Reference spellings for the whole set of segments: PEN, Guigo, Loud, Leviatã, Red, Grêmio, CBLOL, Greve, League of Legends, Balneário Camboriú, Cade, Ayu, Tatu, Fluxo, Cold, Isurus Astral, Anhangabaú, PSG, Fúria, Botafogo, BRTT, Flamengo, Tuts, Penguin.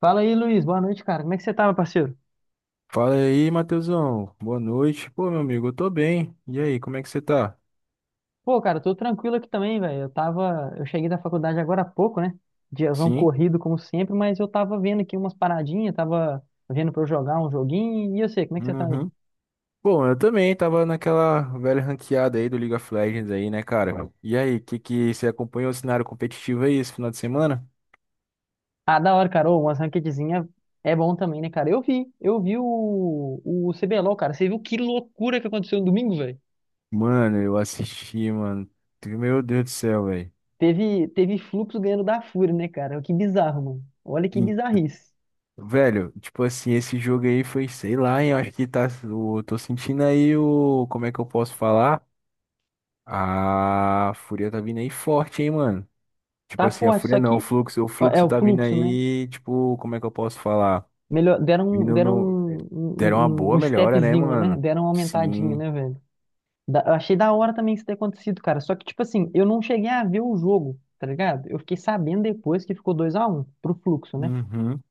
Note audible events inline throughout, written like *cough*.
Fala aí, Luiz. Boa noite, cara. Como é que você tá, meu parceiro? Fala aí, Matheusão. Boa noite. Pô, meu amigo, eu tô bem. E aí, como é que você tá? Pô, cara, tô tranquilo aqui também, velho. Eu cheguei da faculdade agora há pouco, né? Diazão Sim? corrido como sempre, mas eu tava vendo aqui umas paradinhas, tava vendo pra eu jogar um joguinho. E eu sei, como é que você tá aí? Uhum. Bom, eu também tava naquela velha ranqueada aí do League of Legends aí, né, cara? E aí, que você acompanhou o cenário competitivo aí esse final de semana? Ah, da hora, cara. Ô, umas ranqueadzinha é bom também, né, cara? Eu vi o CBLOL, cara. Você viu que loucura que aconteceu no domingo, velho? Mano, eu assisti, mano. Meu Deus do céu, velho. Teve Fluxo ganhando da Fúria, né, cara? Que bizarro, mano. Olha que E, bizarrice. Velho, tipo assim, esse jogo aí foi, sei lá, hein, eu acho que tá, eu tô sentindo aí o, como é que eu posso falar? A fúria tá vindo aí forte, hein, mano. Tipo Tá assim, a forte, fúria só não, o que fluxo, o ó, é fluxo o tá vindo Fluxo, né? aí, tipo, como é que eu posso falar? Melhor, deram, um- Vindo deram no. um, Deram uma um, um- boa um melhora, né, stepzinho, né? mano? Deram uma aumentadinha, Sim. né, velho? Eu achei da hora também isso ter acontecido, cara. Só que, tipo assim, eu não cheguei a ver o jogo, tá ligado? Eu fiquei sabendo depois que ficou 2-1 pro Fluxo, né? Uhum.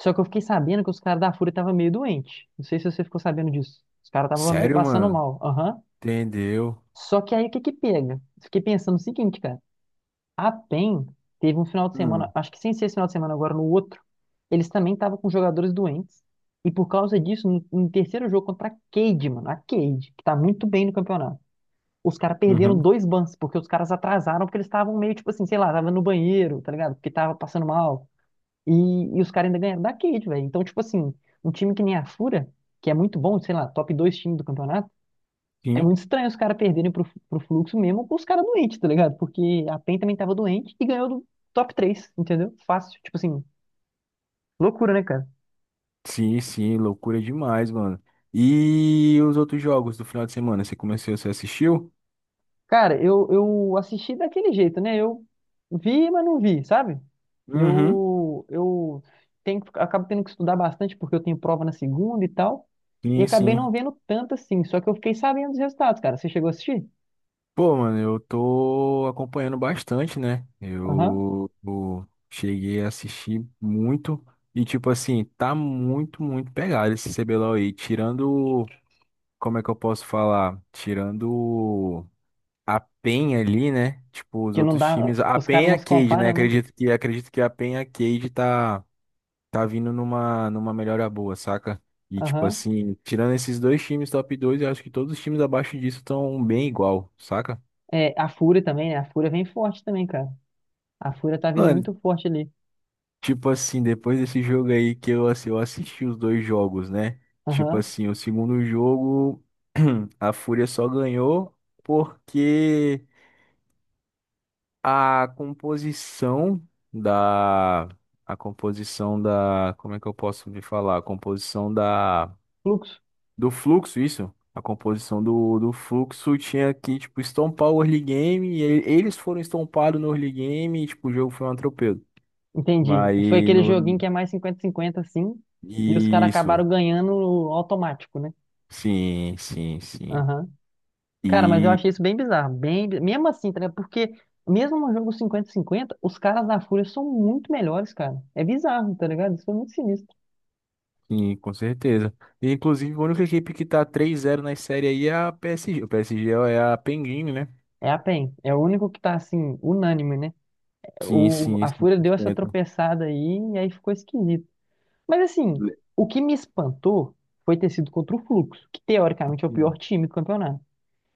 Só que eu fiquei sabendo que os caras da Fúria estavam meio doente. Não sei se você ficou sabendo disso. Os caras estavam meio Sério, passando mano? mal. Aham. Entendeu? Só que aí o que que pega? Fiquei pensando o seguinte, cara. A PEN teve um final de semana, Hum. acho que sem ser esse final de semana, agora no outro, eles também estavam com jogadores doentes. E por causa disso, no terceiro jogo contra a Cade, mano, a Cade, que tá muito bem no campeonato, os caras perderam Uhum. dois bans, porque os caras atrasaram, porque eles estavam meio tipo assim, sei lá, tava no banheiro, tá ligado? Porque tava passando mal. E, e os caras ainda ganharam da Cade, velho. Então, tipo assim, um time que nem a Fúria, que é muito bom, sei lá, top dois times do campeonato é Sim. muito estranho os caras perderem pro, pro Fluxo mesmo com os caras doentes, tá ligado? Porque a PEN também tava doente e ganhou do top 3, entendeu? Fácil. Tipo assim, loucura, né, cara? Sim, sim, loucura demais, mano. E os outros jogos do final de semana, você assistiu? Cara, eu assisti daquele jeito, né? Eu vi, mas não vi, sabe? Uhum. Eu, eu Acabo tendo que estudar bastante porque eu tenho prova na segunda e tal. E Sim, acabei sim. não vendo tanto assim. Só que eu fiquei sabendo dos resultados, cara. Você chegou a assistir? Pô, mano, eu tô acompanhando bastante, né? Aham. Eu cheguei a assistir muito e, tipo assim, tá muito, muito pegado esse CBLOL aí. Tirando, como é que eu posso falar? Tirando a PEN ali, né? Tipo, os Que não outros dá. times. A Os caras PEN e não a se Cade, né? comparam, né? Acredito que a PEN e a Cade tá, vindo numa melhora boa, saca? E, tipo Aham. assim, tirando esses dois times top dois, eu acho que todos os times abaixo disso estão bem igual, saca? É, a Fúria também, né? A Fúria vem forte também, cara. A Fúria tá vindo Mano, muito forte ali. tipo assim, depois desse jogo aí que eu assisti os dois jogos, né? Tipo Aham. assim, o segundo jogo, *clears throat* a Fúria só ganhou porque a composição da. A composição da. Como é que eu posso me falar? A composição da. Fluxo. Do fluxo, isso? A composição do fluxo tinha que, tipo, estompar o early game. E eles foram estompados no early game. E, tipo, o jogo foi um atropelo. Entendi. Foi Mas aquele joguinho no. que é mais 50-50, assim. E os caras Isso. acabaram ganhando automático, né? Sim, sim, sim. Aham. Cara, mas eu E achei isso bem bizarro. Mesmo assim, tá ligado? Porque mesmo no jogo 50-50, os caras da Fúria são muito melhores, cara. É bizarro, tá ligado? Isso foi muito sinistro. sim, com certeza. E, inclusive, a única equipe que tá 3-0 na série aí é a PSG. O PSG é a Penguin, né? É a PEN. É o único que tá, assim, unânime, né? Sim, O... sim, A Fúria deu essa 100%. tropeçada aí e aí ficou esquisito. Mas assim, Le- o que me espantou foi ter sido contra o Fluxo, que teoricamente é o pior Sim, time do campeonato.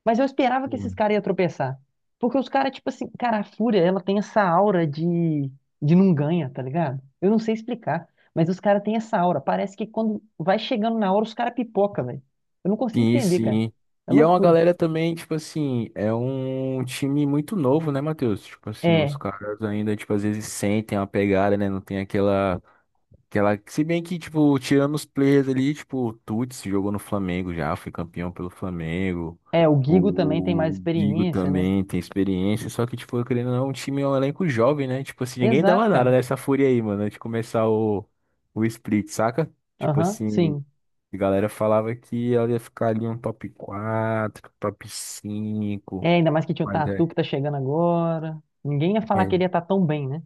Mas eu esperava que esses sim. caras iam tropeçar. Porque os caras, tipo assim, cara, a Fúria, ela tem essa aura de, não ganha, tá ligado? Eu não sei explicar, mas os caras têm essa aura. Parece que quando vai chegando na hora, os caras pipoca, velho. Eu não consigo Sim, entender, cara. sim. É E é uma loucura. galera também, tipo assim, é um time muito novo, né, Matheus? Tipo assim, os É, caras ainda, tipo, às vezes sentem uma pegada, né? Não tem aquela. Aquela, se bem que, tipo, tirando os players ali, tipo, o Tuts jogou no Flamengo já, foi campeão pelo Flamengo. é, o Guigo também tem mais O Guigo experiência, né? também tem experiência, só que, tipo, querendo ou não, o time é um elenco jovem, né? Tipo assim, ninguém dava Exato, nada cara. nessa fúria aí, mano, antes de começar o split, saca? Tipo Aham, assim, sim. a galera falava que ela ia ficar ali um top 4, top 5, É, ainda mais que tinha o mas é. Tatu que tá chegando agora. Ninguém ia falar que é ele ia estar tão bem, né?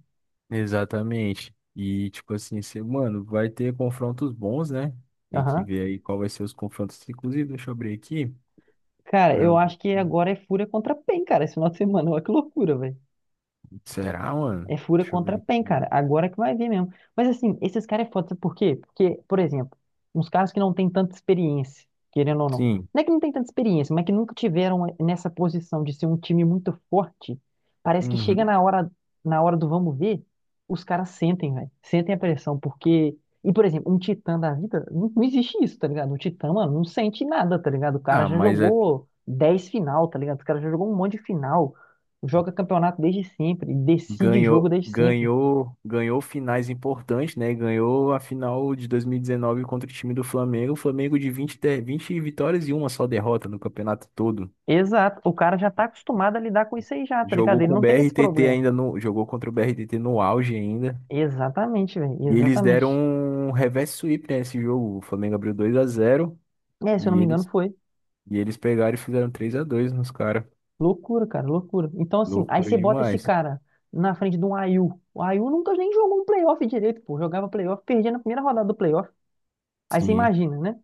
Exatamente. E, tipo assim, você, mano, vai ter confrontos bons, né? Tem que Aham. ver aí qual vai ser os confrontos. Inclusive, deixa eu abrir aqui. Cara, Pra eu ver. acho que agora é Fúria contra PEN, cara, esse final de semana. Olha que loucura, velho. Será, mano? É fura Deixa eu contra ver PEN, cara. aqui. Agora que vai ver mesmo. Mas assim, esses caras é foda, sabe por quê? Porque, por exemplo, uns caras que não têm tanta experiência, querendo ou não. Sim. Não é que não tem tanta experiência, mas que nunca tiveram nessa posição de ser um time muito forte. Parece que chega Uhum. Na hora do vamos ver, os caras sentem, velho. Sentem a pressão, porque. E, por exemplo, um titã da vida, não, não existe isso, tá ligado? O titã, mano, não sente nada, tá ligado? O cara Ah, já jogou 10 final, tá ligado? O cara já jogou um monte de final, joga campeonato desde sempre, decide jogo ganhou, desde sempre. ganhou, ganhou finais importantes, né? Ganhou a final de 2019 contra o time do Flamengo. O Flamengo de 20, 20 vitórias e uma só derrota no campeonato todo. Exato, o cara já tá acostumado a lidar com isso aí já, tá ligado? Jogou Ele com o não tem esse BRTT problema. ainda no, jogou contra o BRTT no auge ainda. Exatamente, velho, E eles deram exatamente. um reverse sweep, né, nesse jogo. O Flamengo abriu 2-0, É, se eu não e me engano, eles, foi. e eles pegaram e fizeram 3-2 nos caras. Loucura, cara, loucura. Então, assim, aí Loucura você bota esse demais. cara na frente de um Ayu. O Ayu nunca nem jogou um playoff direito, pô. Jogava playoff, perdia na primeira rodada do playoff. Aí você Sim. imagina, né?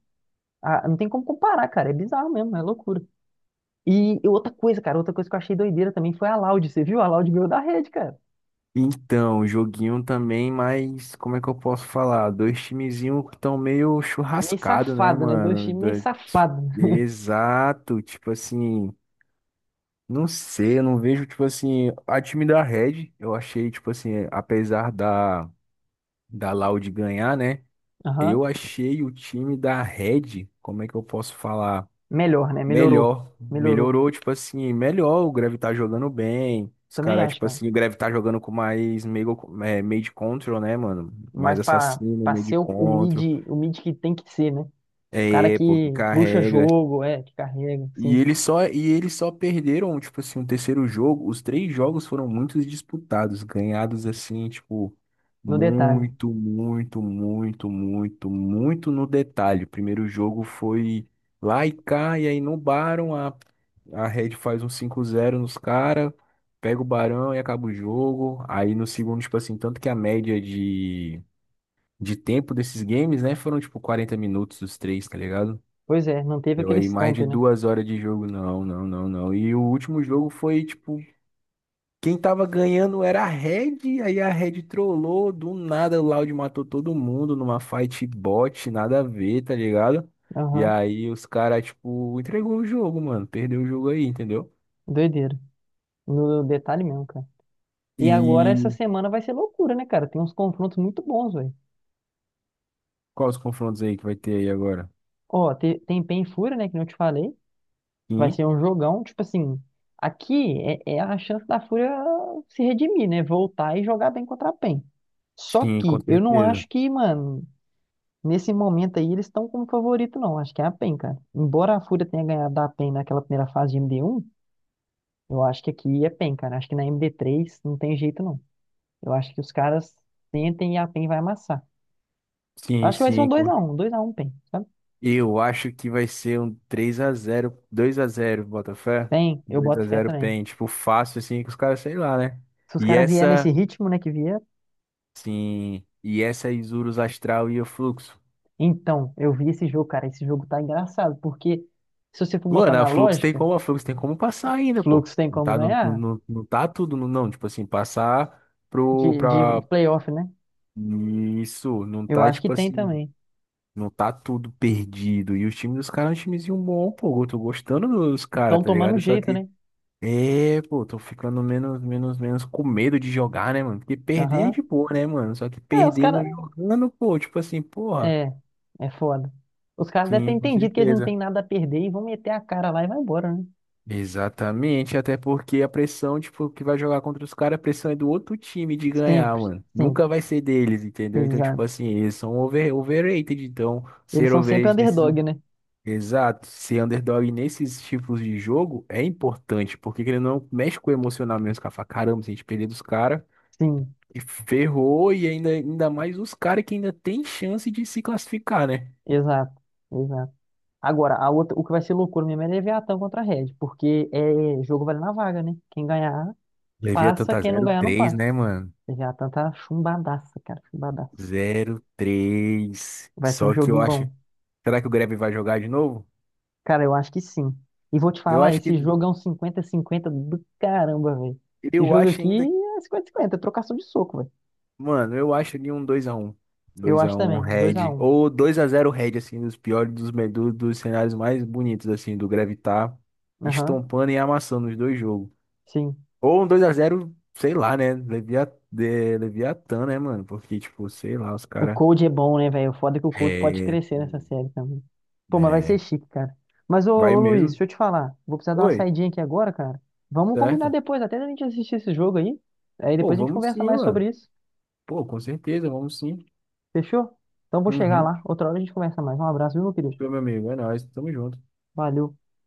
Ah, não tem como comparar, cara. É bizarro mesmo, é loucura. E outra coisa, cara, outra coisa que eu achei doideira também foi a Loud. Você viu? A Loud ganhou da Red, cara. Então, joguinho também, mas como é que eu posso falar? Dois timezinhos que estão meio Meio churrascado, né, safado, né? Dois mano? times meio safado. Exato, tipo assim, não sei, eu não vejo, tipo assim, a time da Red, eu achei, tipo assim, apesar da Loud ganhar, né? Eu Aham. achei o time da Red, como é que eu posso falar? Melhor, né? Melhorou. Melhor. Melhorou. Melhorou, tipo assim, melhor. O Greve tá jogando bem. Os Também caras, acho, tipo cara. assim, o Greve tá jogando com mais meio, meio de control, né, mano? Mas Mais pra, assassino, pra meio de ser o, o control. mid, o mid que tem que ser, né? O cara É, pô, que que puxa carrega. jogo, é, que carrega, E sim. eles só, e eles só perderam, tipo assim, o terceiro jogo. Os três jogos foram muito disputados, ganhados assim, tipo, No detalhe. muito, muito, muito, muito, muito no detalhe. O primeiro jogo foi lá e cá, e aí no Barão a Red faz um 5-0 nos caras, pega o Barão e acaba o jogo. Aí no segundo, tipo assim, tanto que a média de tempo desses games, né, foram tipo 40 minutos os três, tá ligado? Pois é, não teve Deu aquele aí mais stomp, de né? 2 horas de jogo, não, não, não, não. E o último jogo foi, tipo, quem tava ganhando era a Red, aí a Red trollou, do nada o Loud matou todo mundo numa fight bot, nada a ver, tá ligado? E Aham. aí os caras, tipo, entregou o jogo, mano, perdeu o jogo aí, entendeu? Doideira. No detalhe mesmo, cara. E agora essa E semana vai ser loucura, né, cara? Tem uns confrontos muito bons, velho. quais os confrontos aí que vai ter aí agora? Ó, tem Pain e Fúria, né? Que não te falei. Vai Sim, ser um jogão, tipo assim. Aqui é a chance da Fúria se redimir, né? Voltar e jogar bem contra a PEN. Só sim, com que eu não certeza. acho que, mano, nesse momento aí eles estão como favorito, não. Acho que é a PEN, cara. Embora a Fúria tenha ganhado da PEN naquela primeira fase de MD1, eu acho que aqui é PEN, cara. Acho que na MD3 não tem jeito, não. Eu acho que os caras sentem e a PEN vai amassar. Sim, Acho que vai ser um sim, dois a um um dois a um PEN, sabe? eu acho que vai ser um 3-0, 2-0 Botafé. PEN, eu dois a boto fé zero também. PEN, tipo, fácil assim, que os caras, sei lá, né? Se os E caras vierem nesse essa, ritmo, né, que vier, sim, e essa é Isurus Astral e o Fluxo. então, eu vi esse jogo, cara. Esse jogo tá engraçado, porque se você for botar Mano, a na Flux tem lógica, como, a Flux tem como passar ainda, pô. Fluxo tem Não como tá, não, não, ganhar não, não tá tudo, não, não. Tipo assim, passar pro, de pra. playoff, né? Isso, não Eu tá, acho que tipo tem assim, também. não tá tudo perdido. E o time dos caras é um timezinho bom, pô. Eu tô gostando dos caras, Estão tá tomando ligado? Só jeito, que. né? É, pô, tô ficando menos, menos, menos com medo de jogar, né, mano? Porque perder é de Aham. boa, né, mano? Só que É, os perder caras. não jogando, pô, tipo assim, porra. É, é foda. Os caras devem ter Sim, com entendido que eles não certeza. têm nada a perder e vão meter a cara lá e vai embora, né? Exatamente, até porque a pressão, tipo, que vai jogar contra os caras, a pressão é do outro time de ganhar, Sempre, mano. Nunca sempre. vai ser deles, entendeu? Então, tipo Exato. assim, eles são overrated. Então, Eles ser são sempre overrated nesses. Underdog, né? Exato, ser underdog nesses tipos de jogo é importante, porque ele não mexe com o emocional mesmo, cara. Fala, caramba, se a gente perder dos caras. Sim, E ferrou e ainda mais os caras que ainda tem chance de se classificar, né? exato, exato. Agora, a outra, o que vai ser loucura mesmo é Leviatã contra a Red, porque é jogo vale na vaga, né? Quem ganhar Levei a passa, tanta quem não zero ganhar não três, passa. né, mano? Já a tanta chumbadaça, cara, chumbadaça. 0-3. Vai ser um Só que eu joguinho acho. bom. Será que o Grêmio vai jogar de novo? Cara, eu acho que sim. E vou te Eu falar, acho que esse jogo é um 50 cinquenta do caramba, velho. Esse eu jogo acho aqui ainda, é 50-50, é trocação de soco, velho. mano, eu acho ali um 2-1. Eu acho 2-1 também, dois a Red. um Ou 2-0 Red, assim, dos piores, dos cenários mais bonitos, assim, do Greve tá Aham, estompando e amassando os dois jogos. sim. Ou um 2-0, sei lá, né? Leviatã, né, mano? Porque, tipo, sei lá, os O caras. Cold é bom, né, velho? O foda é que o Cold pode É, crescer nessa pô, série também. Pô, mas vai ser é. chique, cara. Mas, ô, Vai ô Luiz, mesmo. deixa eu te falar. Vou precisar dar uma Oi, saidinha aqui agora, cara. Vamos combinar certo? depois, até a gente assistir esse jogo aí. Aí Pô, depois a gente vamos conversa sim, mais mano. sobre isso. Pô, com certeza, vamos sim. Fechou? Então vou chegar Uhum. lá. Outra hora a gente conversa mais. Um abraço, viu, meu querido? Show, meu amigo. É nóis. Tamo junto. Valeu.